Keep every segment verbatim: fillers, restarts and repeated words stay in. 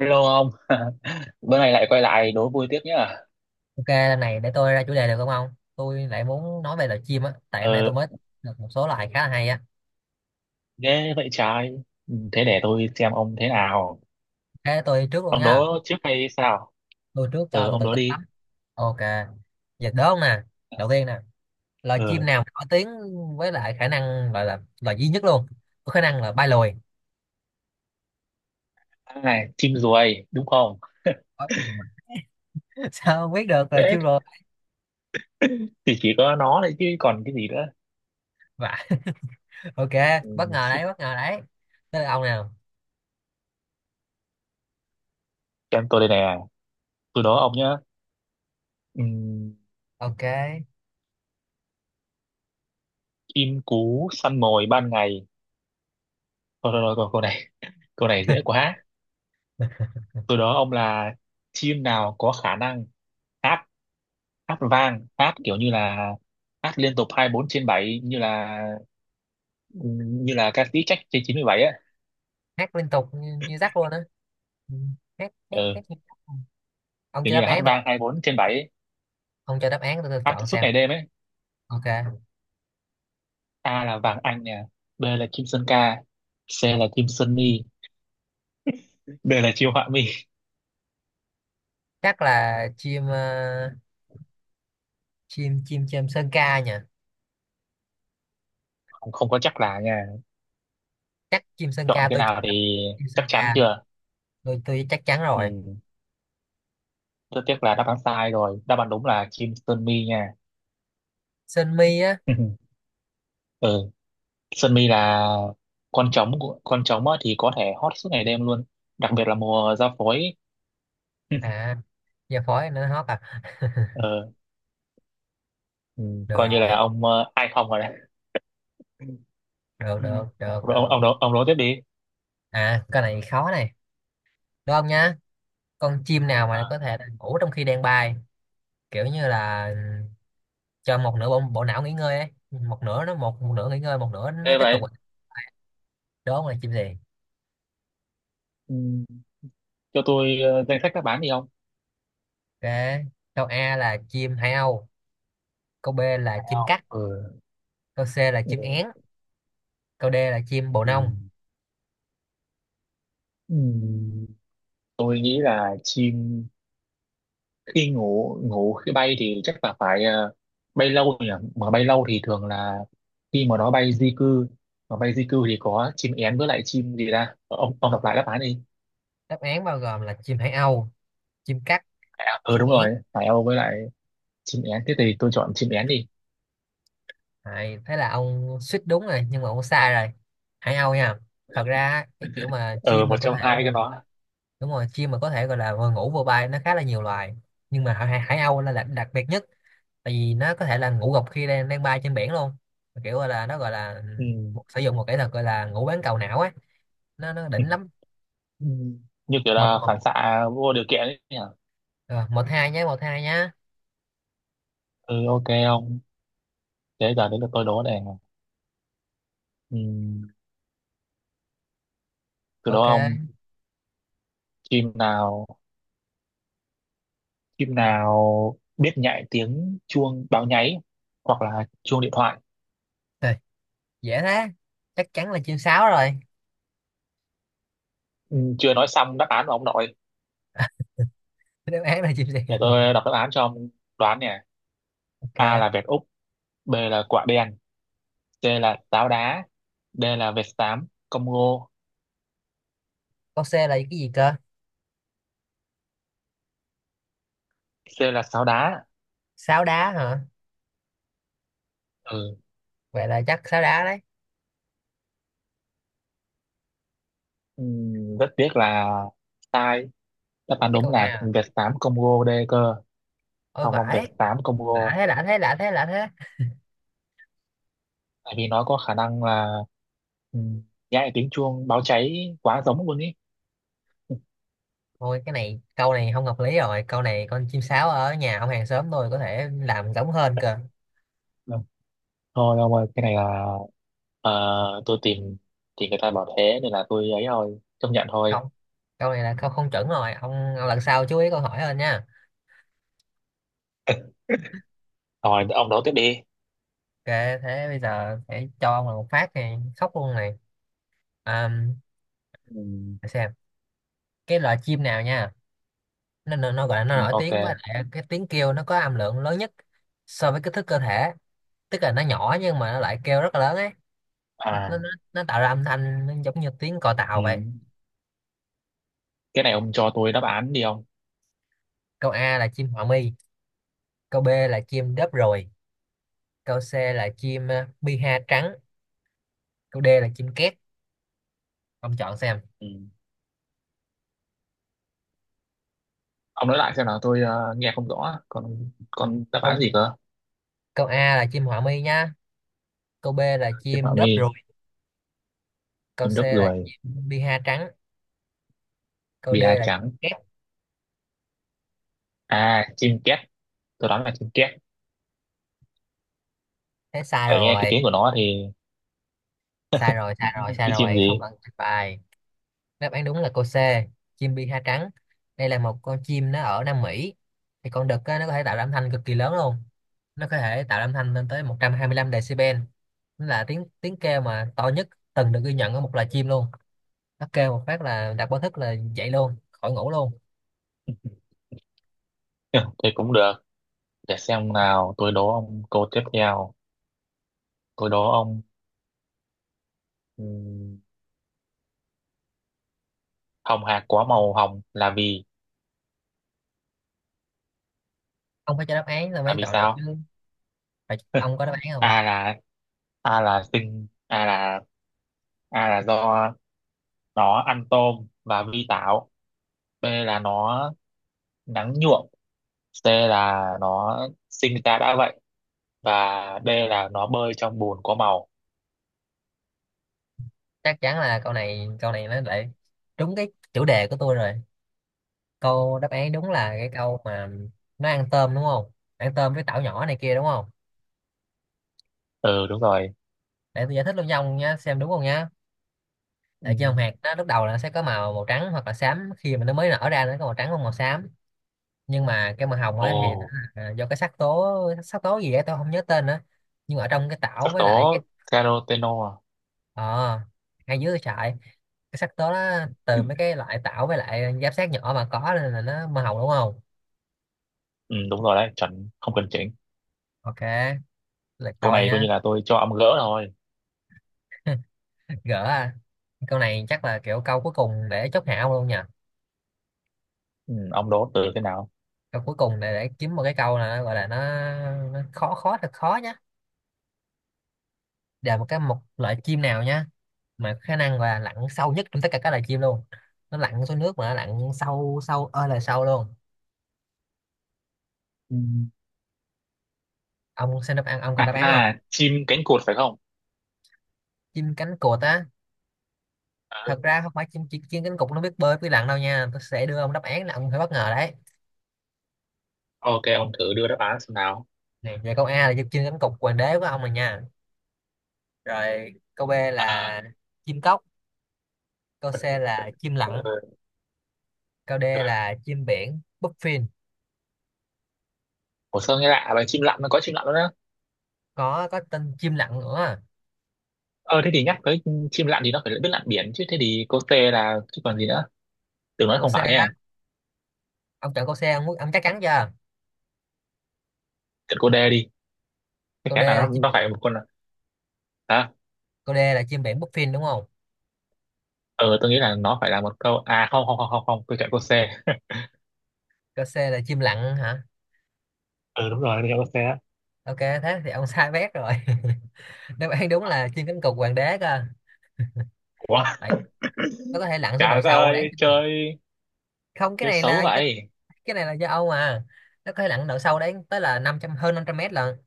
Hello ông, bữa nay lại quay lại đố vui tiếp nhá. Ok, lần này để tôi ra chủ đề được không ông? Tôi lại muốn nói về loài chim á, tại hôm nay Ờ, tôi mới được một số loài khá là hay á. thế vậy trai, thế để tôi xem ông thế nào. Thế tôi trước luôn Ông nha, đố trước hay sao? tôi trước cho Ờ, tôi ông tự đố tin đi. lắm. Ok, giờ đố ông nè, đầu tiên nè, loài chim Ờ, nào nổi tiếng với lại khả năng gọi là loài duy nhất luôn, có khả năng là bay lùi. à, chim ruồi, đúng không? Có khả năng mà- Sao ông biết được loài Thế chim rồi? thì chỉ có nó đấy chứ còn cái gì nữa. Vả. Ok, Ừ, bất ngờ đấy, bất ngờ đấy. Tới là ông nào? xem tôi đây nè, tôi đố ông nhá. Ừm, Ok, chim cú săn mồi ban ngày. Thôi, thôi, thôi, câu câu này, câu này dễ quá. Tôi đố ông là chim nào có khả năng hát hát vang hát kiểu như là hát liên tục hai mươi bốn trên bảy như là như là ca sĩ Trách trên chín bảy ấy, hát liên tục như, như rắc luôn á. Ừ, Hát, hát, hát ừ, như dắt. Ông kiểu chưa như đáp là hát án hả? vang hai mươi bốn trên bảy ấy, Ông cho đáp án tôi, tôi hát chọn suốt xem. ngày đêm ấy. Ok, A là Vàng Anh nè, B là Kim Sơn Ca, C là Kim Sơn Mi, D là Chiêu Họa Mi. chắc là chim ờ, chim chim chim sơn ca nhỉ. Không, không có chắc là nha, Chắc chim sơn chọn ca cái tôi. nào thì Chim chắc sơn chắn ca. chưa. tôi tôi chắc chắn rồi. Ừ. Rất tiếc là đáp án sai rồi, đáp án đúng là Kim Sơn Mi nha. Sơn mi á. Ừ. Sơn Mi là con trống của- con trống á thì có thể hot suốt ngày đêm luôn, đặc biệt là mùa ra phối. À, giờ phổi nó hót à. ờ, ừ, Được coi như rồi. là ông ờ, ai không rồi đấy. được Ừ. được được ông ông được ông, nói- ông nói tiếp đi. À, cái này khó này, đúng không nhá? Con chim nào mà À, có thể ngủ trong khi đang bay, kiểu như là cho một nửa bộ, bộ não nghỉ ngơi ấy, một nửa nó một, một nửa nghỉ ngơi, một nửa nó thế tiếp tục, vậy, đúng không là chim gì? ừ, cho tôi ờ, danh sách các bán đi không? Ok, câu A là chim hải âu, câu B là Phải chim không? cắt, Ừ. câu C là chim Ừ. én, câu D là chim bồ Ừ. nông. Ừ. Tôi nghĩ là chim khi ngủ ngủ khi bay thì chắc là phải ờ, bay lâu nhỉ, mà bay lâu thì thường là khi mà nó bay di cư, mà bay di cư thì có chim én với lại chim gì ra. Ông ông đọc lại đáp án đi. Đáp án bao gồm là chim hải âu, chim cắt, Phải không? Ừ, chim đúng én. rồi, phải Âu với lại chim én, thế thì tôi chọn chim én đi. Đấy, thế là ông suýt đúng rồi nhưng mà ông sai rồi. Hải âu nha. Thật ra á, cái kiểu mà Ừ, chim một mà có trong thể hai mà cái đó. đúng rồi, chim mà có thể gọi là vừa ngủ vừa bay nó khá là nhiều loài. Nhưng mà hải, hải âu là đặc, đặc biệt nhất, tại vì nó có thể là ngủ gục khi đang đang bay trên biển luôn. Kiểu gọi là nó gọi là Ừ. một, sử dụng một kỹ thuật gọi là ngủ bán cầu não á, nó nó Ừ. đỉnh lắm. Ừ. Như kiểu Một là một phản xạ vô điều kiện ấy nhỉ. ờ, một hai nhé, một hai nhá. Ừ, ok ông, thế giờ đến lượt tôi đố này. Ừ. Từ đó Ok. ông, chim nào chim nào biết nhại tiếng chuông báo nháy hoặc là chuông điện thoại. Rồi, dễ thế, chắc chắn là chim sáo rồi. Ừ. Chưa nói xong đáp án của ông nội. Đáp án là chim gì? Để tôi đọc đáp án cho ông đoán nè. Ok, A là vẹt Úc, B là quả đen, C là táo đá, D là vẹt xám Congo. câu C là cái gì cơ? C là sáo đá. Sáo đá hả? Ừ. Vậy là chắc sáo đá đấy. Ừ. Rất tiếc là sai, đáp án Cái câu đúng A là à? Việt tám Congo D cơ. Ôi Không ông, Việt vãi. tám Lạ Congo, thế, lạ thế, lạ thế, lạ thế. tại vì nó có khả năng là ừ, nhái tiếng chuông báo cháy quá giống luôn ý. Thôi, cái này câu này không hợp lý rồi, câu này con chim sáo ở nhà ông hàng xóm tôi có thể làm giống hơn cơ. Ừ. Thôi ông ơi, cái này là ờ, tôi tìm thì người ta bảo thế nên là tôi ấy thôi, chấp nhận thôi. Không, câu này là câu không chuẩn rồi ông, ông lần sau chú ý câu hỏi hơn nha. Rồi ông đó tiếp đi. Ok, thế bây giờ phải cho ông là một phát này khóc luôn này. À, ừ, để xem cái loại chim nào nha, nó, nó, nó gọi là nó ừ, nổi ok, tiếng với lại cái tiếng kêu nó có âm lượng lớn nhất so với kích thước cơ thể, tức là nó nhỏ nhưng mà nó lại kêu rất là lớn ấy. nó, nó, à, nó nó tạo ra âm thanh nó giống như tiếng còi ừ. tàu vậy. Cái này ông cho tôi đáp án đi ông. Câu A là chim họa mi, câu B là chim đớp ruồi, câu C là chim ờ, piha trắng, câu D là chim két. Ông chọn xem. Ừ. Ông nói lại xem nào, tôi ờ, nghe không rõ, còn còn đáp án Không, gì cơ. câu A là chim họa mi nha, câu B là Chim chim họa mi. đớp ruồi, câu Chim C đất là ruồi. chim piha trắng, câu D Bia là chim trắng. két. À, chim két. Tôi đoán là chim két. Thế sai Tại nghe cái rồi, tiếng của nó thì sai rồi sai rồi sai cái chim rồi không gì? cần bài. Đáp án đúng là câu C, chim bi ha trắng. Đây là một con chim nó ở Nam Mỹ, thì con đực á, nó có thể tạo ra âm thanh cực kỳ lớn luôn. Nó có thể tạo ra âm thanh lên tới một trăm hai mươi lăm decibel. Nó là tiếng tiếng kêu mà to nhất từng được ghi nhận ở một loài chim luôn. Nó kêu một phát là đặt báo thức là dậy luôn, khỏi ngủ luôn. Thì cũng được. Để xem nào, tôi đố ông câu tiếp theo. Tôi đố ông, ừm, hồng hạc có màu hồng là vì, Ông phải cho đáp án là là mới vì chọn được sao? chứ. Phải, ông có đáp án không? A là, A là sinh, A là A là do nó ăn tôm và vi tảo. B là nó nắng nhuộm. C là nó sinh ra đã vậy, và D là nó bơi trong bùn có màu. Chắc chắn là câu này câu này nó lại đúng cái chủ đề của tôi rồi. Câu đáp án đúng là cái câu mà nó ăn tôm đúng không, ăn tôm với tảo nhỏ này kia, đúng không? Ừ đúng rồi. Để tôi giải thích luôn cho ông nhá, xem đúng không nhá. Ừ. Tại vì hồng hạc nó lúc đầu là nó sẽ có màu màu trắng hoặc là xám, khi mà nó mới nở ra nó có màu trắng hoặc màu xám. Nhưng mà cái màu hồng ấy thì nó Ồ, là do cái sắc tố, sắc tố gì ấy tôi không nhớ tên nữa. Nhưng mà ở trong cái tảo sắc với lại giáp, tố caroteno à? ờ ngay dưới cái sợi, cái sắc tố đó từ mấy cái loại tảo với lại giáp sát nhỏ mà có, nên là nó màu hồng đúng không. Ừ, đúng rồi đấy, chuẩn, không cần chỉnh. Ok, lượt Câu tôi này coi nha. như là tôi cho ông gỡ thôi. Gỡ à. Câu này chắc là kiểu câu cuối cùng để chốt hạ ông luôn nhỉ. Ừ, ông đố từ thế nào? Câu cuối cùng này để kiếm một cái câu này, nó gọi là nó, nó khó khó thật khó nhá, là một cái một loại chim nào nhá mà khả năng là lặn sâu nhất trong tất cả các loài chim luôn. Nó lặn xuống nước mà nó lặn sâu, sâu ơi là sâu luôn. Ừ. Ông xem đáp án, ông À, còn đáp án không? à, chim cánh cụt phải không? Chim cánh cụt á. Thật Ừ. ra không phải chim chim, chim cánh cụt nó biết bơi biết lặn đâu nha, tôi sẽ đưa ông đáp án là ông phải bất ngờ đấy. Ok, ông thử đưa đáp án xem nào. Này về, câu A là chim cánh cụt hoàng đế của ông rồi nha, rồi câu B là chim cốc, câu C là chim Ừ. lặn, câu D là chim biển bluefin. Ủa sao nghe lạ vậy? Chim lặn nó có chim lặn luôn á. Có có tên chim lặn nữa. Ờ, thế thì nhắc tới chim lặn thì nó phải biết lặn biển chứ. Thế thì cô T là chứ còn gì nữa. Tưởng nói Câu không C phải nha. á, ông chọn câu C ông, muốn- ông chắc chắn chưa? Tưởng cô D đi. Chắc Câu D chắn là là nó chim nó biển. phải một con, hả? Câu D là chim biển Puffin đúng không? Ờ, tôi nghĩ là nó phải là một câu. À không không không không, không. Tôi chọn cô C. Câu C là chim lặn hả? Ừ đúng rồi, tôi chọn cô C á. Ok thế thì ông sai bét rồi. Đáp án đúng là chim cánh cụt hoàng đế cơ. Ủa? Tại nó có thể lặn xuống độ Trời đất sâu đáng ơi kinh ngạc. chơi, Không, cái chơi này là xấu do- vậy. cái này là do Âu mà, nó có thể lặn độ sâu đến tới là năm trăm, hơn năm trăm mét lần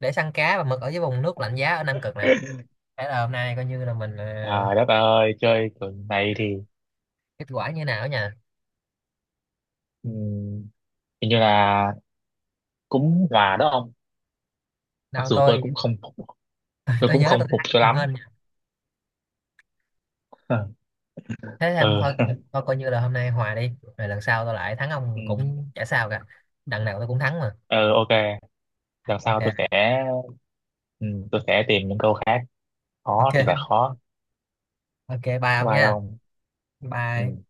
để săn cá và mực ở dưới vùng nước lạnh giá ở Nam Cực này. Thế là hôm nay coi như là mình ờ, Trời đất ơi chơi kiểu này thì kết quả như nào nhỉ? ừm, hình như là cũng hòa đó ông, mặc Nào dù tôi tôi, cũng không phục, tôi tôi cũng nhớ tôi không phục thắng cho nhiều lắm. hơn. Ờ, Thế thì em thôi cũng- ừ, thôi coi như là hôm nay hòa đi. Rồi lần sau tao lại thắng ông ừ, cũng chả sao cả, đằng nào tao cũng thắng mà. ừ, ok. Lần sau Ok. tôi sẽ ừm, tôi sẽ tìm những câu khác, khó Ok. thì là khó. Ok, bye Bye ông bye nha. ông. Bye. Ừ.